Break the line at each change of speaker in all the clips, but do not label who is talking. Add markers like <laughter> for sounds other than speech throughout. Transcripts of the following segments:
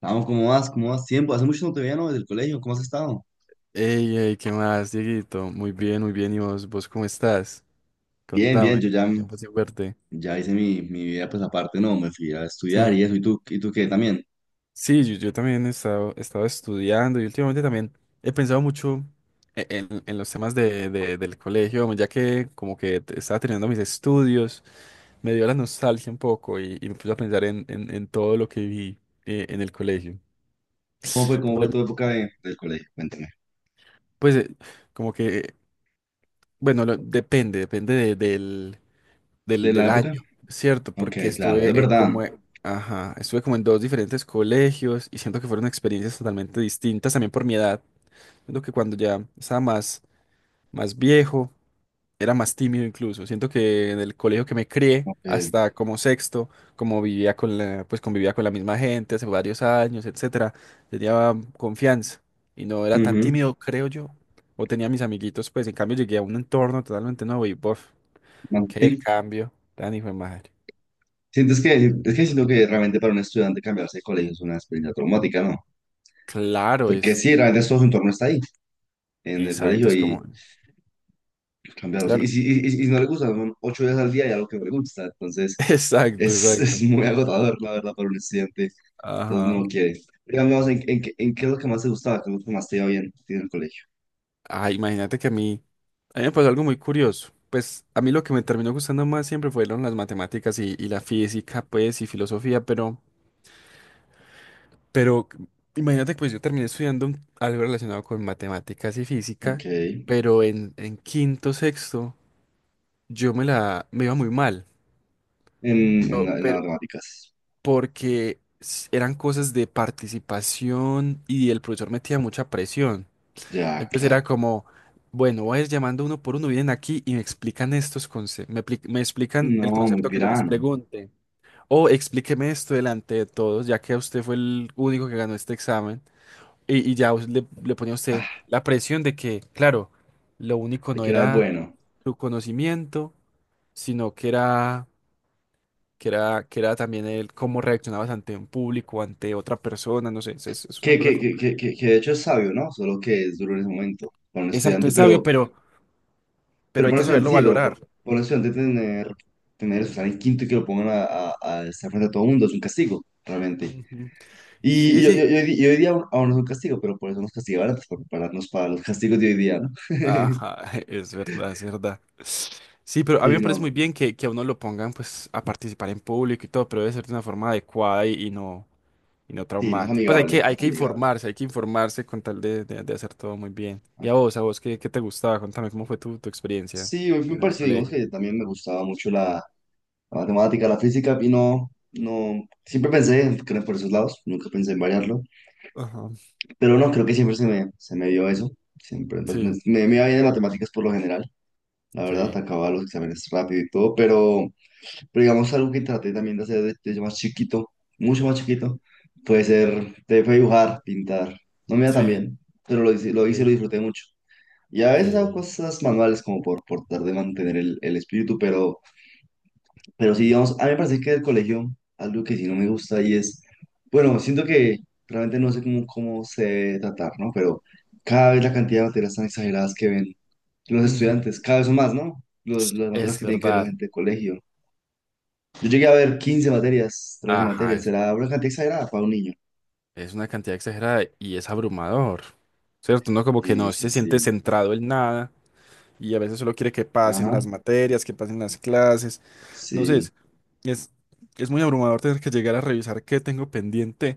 Vamos, ¿cómo vas? ¿Cómo vas? Tiempo, hace mucho no te veía, ¿no? Desde el colegio, ¿cómo has estado?
Ey, ey, ¿qué más, Dieguito? Muy bien, muy bien. ¿Y vos cómo estás?
Bien, bien,
Contame.
yo ya,
Tiempo sin verte.
ya hice mi vida, pues aparte, no, me fui a estudiar
Sí.
y eso, ¿y tú qué también?
Sí, yo también he estado estudiando y últimamente también he pensado mucho en los temas del colegio, ya que como que estaba terminando mis estudios, me dio la nostalgia un poco y me puse a pensar en todo lo que vi en el colegio.
¿Cómo fue
Entonces,
tu época del colegio? Cuéntame.
pues, como que, bueno, lo- depende, depende de- del,
¿De
del,
la
del
época?
año, ¿cierto?
Ok,
Porque
claro, es verdad.
ajá, estuve como en dos diferentes colegios y siento que fueron experiencias totalmente distintas también por mi edad. Siento que cuando ya estaba más, más viejo, era más tímido incluso. Siento que en el colegio que me crié,
Ok.
hasta como sexto, como pues convivía con la misma gente hace varios años, etcétera, tenía confianza y no era tan
Ujú.
tímido, creo yo. O tenía mis amiguitos, pues en cambio llegué a un entorno totalmente nuevo y, bof,
No,
qué
sí.
cambio, tan hijo de madre.
Sientes que, es que siento que realmente para un estudiante cambiarse de colegio es una experiencia traumática, ¿no?
Claro,
Porque
es
sí, realmente todo su entorno está ahí, en el
exacto,
colegio
es
y
como,
cambiarlo. Y
claro,
si y, y- y si no le gusta, son 8 días al día y algo que no le gusta, entonces...
<laughs> exacto,
Es, <laughs> es
exacto.
muy agotador, la verdad, para un estudiante. Entonces
Ajá.
no quieres. Digamos, ¿en qué es lo que más te gustaba? ¿Qué es lo que más te iba bien a ti en el colegio?
Ah, imagínate que a mí me pasó algo muy curioso. Pues a mí lo que me terminó gustando más siempre fueron las matemáticas y la física, pues, y filosofía, pero imagínate que pues yo terminé estudiando algo relacionado con matemáticas y física,
Ok. En,
pero en quinto, sexto, yo me iba muy mal.
en,
No,
la- en las
pero
matemáticas.
porque eran cosas de participación y el profesor metía mucha presión.
Ya,
Entonces
claro.
era como, bueno, voy a ir llamando uno por uno, vienen aquí y me explican estos conceptos, me explican el
No, muy
concepto que yo les
pirano.
pregunte, o explíqueme esto delante de todos, ya que usted fue el único que ganó este examen, y ya le ponía a usted
Ah,
la presión de que, claro, lo único
de
no
que era
era
bueno.
su conocimiento, sino que era también el cómo reaccionabas ante un público, ante otra persona, no sé, es una
Que,
cosa
que, que,
compleja.
que, que que de hecho es sabio, ¿no? Solo que es duro en ese momento para un
Exacto,
estudiante,
es sabio,
pero
pero
Pero
hay
para un
que
estudiante
saberlo
sí, pero para,
valorar.
para un estudiante tener eso, estar en quinto y que lo pongan a estar frente a todo el mundo es un castigo, realmente.
Ujú. Sí,
Y, y-
sí.
y- y hoy día aún no es un castigo, pero por eso nos castigaban antes, por prepararnos para los castigos de hoy día, ¿no?
Ajá, <laughs> es
<laughs>
verdad, es verdad. Sí, pero a mí
Sí,
me parece
no,
muy bien que a uno lo pongan pues a participar en público y todo, pero debe ser de una forma adecuada y no
sí, más
traumática. Pues
amigable, más amigable.
hay que informarse con tal de hacer todo muy bien. Y a vos, ¿qué te gustaba? Contame, ¿cómo fue tu experiencia
Sí, me
en el
pareció, digamos
colegio?
que también me gustaba mucho la matemática, la física, y no, siempre pensé que era por esos lados, nunca pensé en variarlo.
Ajá.
Pero no, creo que siempre se me dio eso. Siempre, pues, me,
Sí,
me me iba bien en matemáticas por lo general. La
qué
verdad,
bien.
acababa los exámenes rápido y todo. Pero digamos, algo que traté también de hacer desde más chiquito, mucho más chiquito, puede ser, te fue dibujar, pintar. No me iba tan
Sí,
bien, pero lo hice y
ok,
lo disfruté mucho. Y a veces hago
ok.
cosas manuales como por tratar de mantener el espíritu, pero sí, digamos, a mí me parece que del colegio algo que sí no me gusta y es, bueno, siento que realmente no sé cómo se debe tratar, ¿no? Pero cada vez la cantidad de materias tan exageradas que ven los
Ujú.
estudiantes, cada vez son más, ¿no? Las materias
Es
que tienen que ver la
verdad.
gente de colegio. Yo llegué a ver 15 materias, 13
Ajá.
materias, era una cantidad exagerada para un niño.
Es una cantidad exagerada y es abrumador, ¿cierto? Uno como que
Sí,
no
sí,
se siente
sí.
centrado en nada y a veces solo quiere que pasen
Ajá,
las materias, que pasen las clases. No sé,
sí.
es, es muy abrumador tener que llegar a revisar qué tengo pendiente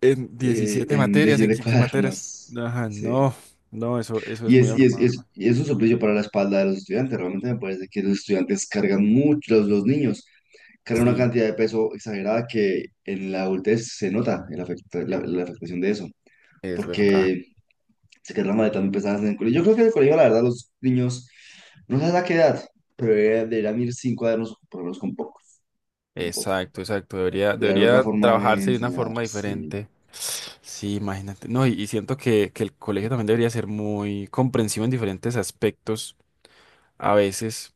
en
Sí,
17
en
materias, en
17
15 materias.
cuadernos.
Ajá,
Sí.
no, no, eso es
Y
muy
es, y es, y
abrumador.
es, y es un suplicio para la espalda de los estudiantes. Realmente me parece que los estudiantes cargan mucho, los niños cargan una
Sí,
cantidad de peso exagerada que en la adultez se nota la afectación de eso,
es verdad.
porque se quedan las maletas muy pesadas en el colegio. Yo creo que en el colegio, la verdad, los niños, no sé a qué edad, pero deberían ir sin cuadernos, por lo menos con pocos, con poco.
Exacto, exacto. Debería,
Debe haber otra
debería
forma de
trabajarse de una
enseñar,
forma
sí.
diferente. Sí, imagínate. No, y siento que el colegio también debería ser muy comprensivo en diferentes aspectos a veces,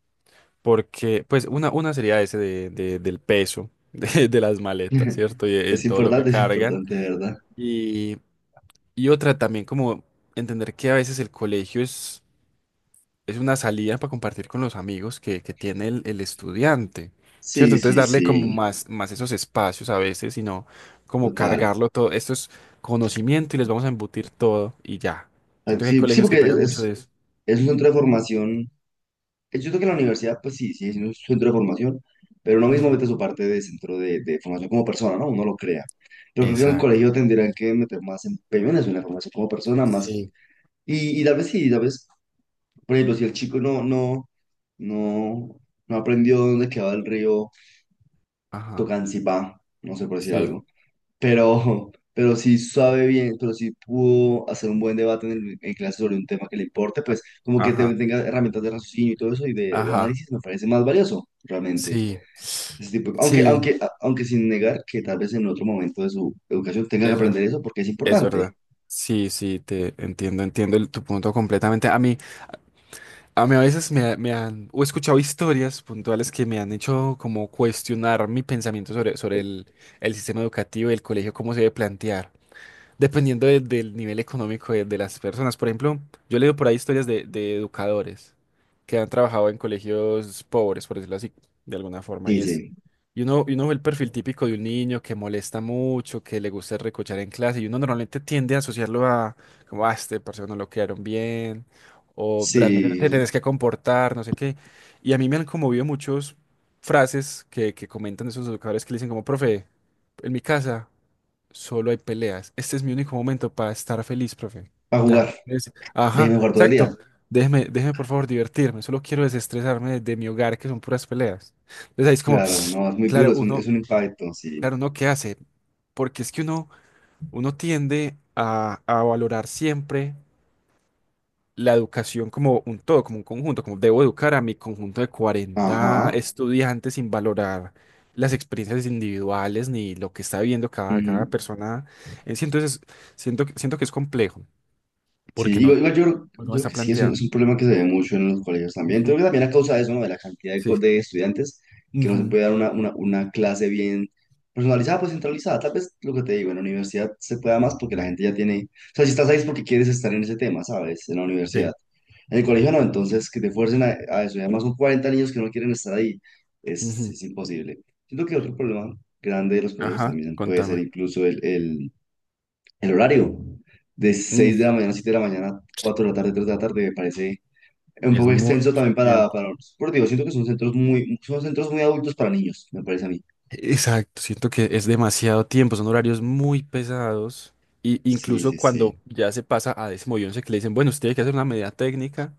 porque, pues, una sería ese del peso <laughs> de las maletas,
<laughs>
¿cierto? Y todo lo que
Es
cargan.
importante, de verdad.
Y, y otra también como entender que a veces el colegio es una salida para compartir con los amigos que tiene el estudiante, ¿cierto?
Sí,
Entonces
sí,
darle como
sí,
más, más esos espacios a veces, sino como
total.
cargarlo todo. Esto es conocimiento y les vamos a embutir todo y ya.
Ah,
Siento que hay
sí, sí,
colegios que
porque es,
pegan mucho
es-
de eso.
Es un centro de formación. Yo creo que la universidad, pues sí, sí, es un centro de formación, pero uno mismo
Ujú.
mete su parte de centro de formación como persona, ¿no? Uno lo crea. Pero creo que en el
Exacto.
colegio tendrían que meter más empeño en eso, en la formación como persona, más.
Sí.
Y tal vez sí, tal vez, por ejemplo, si el chico no, no aprendió dónde quedaba el río
Ajá.
Tocancipá, no sé por decir
Sí.
algo, pero si sabe bien, pero si pudo hacer un buen debate en clase sobre un tema que le importe, pues como que te-
Ajá.
tenga herramientas de raciocinio y todo eso y de
Ajá.
análisis me parece más valioso, realmente.
Sí.
Ese tipo, aunque,
Sí.
aunque, a- aunque sin negar que tal vez en otro momento de su educación tenga que
Es verdad.
aprender eso porque es
Es
importante.
verdad. Sí, sí, te entiendo, entiendo tu punto completamente. A mí a veces me han, o he escuchado historias puntuales que me han hecho como cuestionar mi pensamiento sobre el sistema educativo y el colegio, cómo se debe plantear dependiendo del nivel económico de las personas. Por ejemplo, yo he leído por ahí historias de educadores que han trabajado en colegios pobres, por decirlo así, de alguna forma.
Sí sí,
Y uno ve el perfil típico de un niño que molesta mucho, que le gusta recochar en clase, y uno normalmente tiende a asociarlo a, como, ah, este parce no lo quedaron bien, o realmente te
sí,
tenés que comportar, no sé qué. Y a mí me han conmovido muchos frases que comentan esos educadores que le dicen como, profe, en mi casa. Solo hay peleas. Este es mi único momento para estar feliz, profe.
a
Ya.
jugar,
Ajá,
déjeme jugar todo el día.
exacto. Déjeme, déjeme por favor divertirme. Solo quiero desestresarme de mi hogar, que son puras peleas. Entonces ahí es como,
Claro, no, es muy duro,
claro,
es un, es un impacto, sí.
claro, uno qué hace. Porque es que uno tiende a valorar siempre la educación como un todo, como un conjunto, como debo educar a mi conjunto de cuarenta
Ajá.
estudiantes sin valorar las experiencias individuales ni lo que está viviendo cada
Ujú.
persona en sí. Entonces, siento que es complejo porque
Sí,
no,
igual, igual yo, creo- yo
no
creo
está
que sí, es un,
planteado.
es un problema que se ve
Ujú,
mucho en los colegios también. Creo
ujú.
que también a causa de eso, ¿no? De la cantidad de,
Sí.
co- de estudiantes, que no se
Ujú.
puede dar una clase bien personalizada, pues centralizada. Tal vez lo que te digo, en la universidad se pueda más porque la gente ya tiene. O sea, si estás ahí es porque quieres estar en ese tema, ¿sabes? En la universidad.
Sí.
En el colegio no, entonces que te fuercen a eso. Y además son 40 niños que no quieren estar ahí. Es,
Ujú.
es imposible. Siento que otro problema grande de los colegios
Ajá,
también puede ser
contame.
incluso el horario de
Mm,
6 de la mañana, 7 de la mañana, 4 de la tarde, 3 de la tarde, me parece un
Es
poco extenso
mucho
también
tiempo.
para, porque digo, siento que son centros muy adultos para niños, me parece a mí.
Exacto, siento que es demasiado tiempo, son horarios muy pesados. Y
Sí,
incluso
sí,
cuando
sí.
ya se pasa a décimo y once que le dicen, bueno, usted tiene que hacer una medida técnica,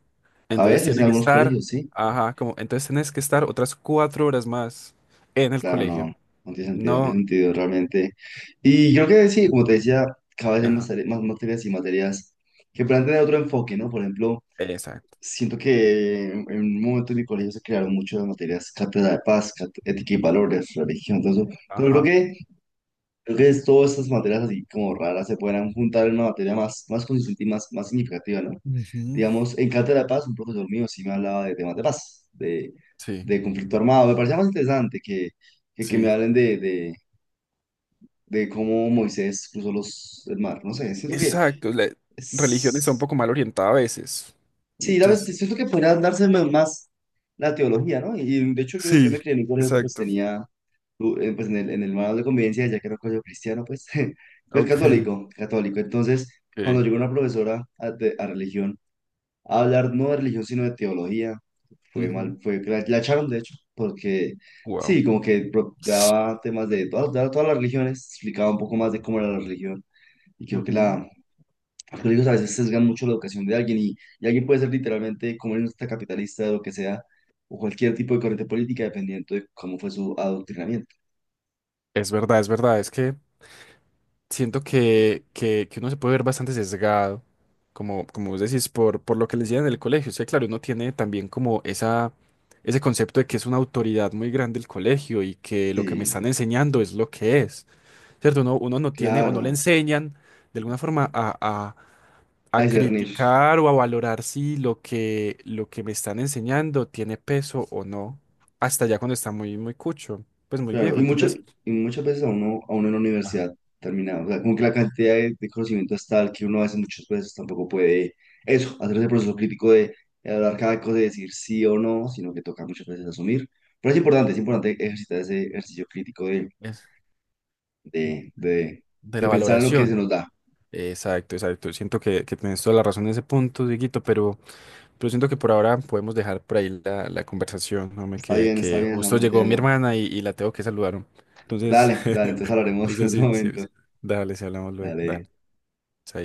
A
entonces
veces en algunos colegios, sí.
ajá, como, entonces tienes que estar otras 4 horas más en el
Claro, no,
colegio.
no tiene sentido, no tiene
No,
sentido realmente. Y creo que sí, como te decía, cada vez hay más,
ajá,
tare- más materias y materias que plantean otro enfoque, ¿no? Por ejemplo,
exacto,
siento que en un momento en mi colegio se crearon muchas materias, cátedra de paz, ética y valores, religión, todo eso. Pero creo
ajá.
que todas estas materias así como raras se podrán juntar en una materia más, más consistente y más, más significativa, ¿no?
Ujú.
Digamos, en Cátedra de Paz, un profesor mío sí me hablaba de temas de paz, de,
Sí,
de conflicto armado. Me parecía más interesante que
sí,
me hablen de cómo Moisés cruzó el mar. No sé, siento que
exacto. La religión está un
es-
poco mal orientada a veces.
Sí, la verdad,
Entonces,
siento que podría darse más la teología, ¿no? Y de hecho yo
sí,
me crié en un colegio que pues
exacto.
tenía, pues en el manual de convivencia, ya que era un colegio cristiano, pues, <laughs> pues
Ok,
católico, católico. Entonces, cuando
ok.
llegó una profesora a religión a hablar no de religión, sino de teología, fue mal, la echaron de hecho, porque
Wow.
sí, como que daba todas las religiones, explicaba un poco más de cómo era la religión. Y creo que los hijos a veces sesgan mucho la educación de alguien y alguien puede ser literalmente comunista, capitalista, lo que sea, o cualquier tipo de corriente política, dependiendo de cómo fue su adoctrinamiento.
Es verdad, es verdad. Es que siento que uno se puede ver bastante sesgado, como vos decís, por lo que le decían en el colegio. O sea, claro, uno tiene también como ese concepto de que es una autoridad muy grande el colegio y que lo que me
Sí,
están enseñando es lo que es, ¿cierto? Uno no tiene o no le
claro,
enseñan de alguna forma a, a-
a
a
discernir,
criticar o a valorar si lo que me están enseñando tiene peso o no, hasta ya cuando está muy, muy cucho, pues muy
claro.
viejo.
Y, mucho,
Entonces.
y muchas veces a uno, en la universidad terminado, o sea, como que la cantidad de conocimiento es tal que uno a veces muchas veces tampoco puede eso, hacer ese proceso crítico de hablar cada cosa, de decir sí o no, sino que toca muchas veces asumir. Pero es importante ejercitar ese ejercicio crítico
Ajá.
de, de,
De la
de pensar en lo que se
valoración.
nos da.
Exacto, exacto. Siento que tienes toda la razón en ese punto, Dieguito, pero siento que por ahora podemos dejar por ahí la conversación, hombre, que,
Está
que
bien,
justo
estamos
llegó mi
entiendo.
hermana y la tengo que saludar, hombre. Entonces,
Dale, dale,
<laughs>
entonces
no
hablaremos <laughs> en
sé
otro momento.
Dale, si hablamos luego.
Dale.
Dale. Chaito.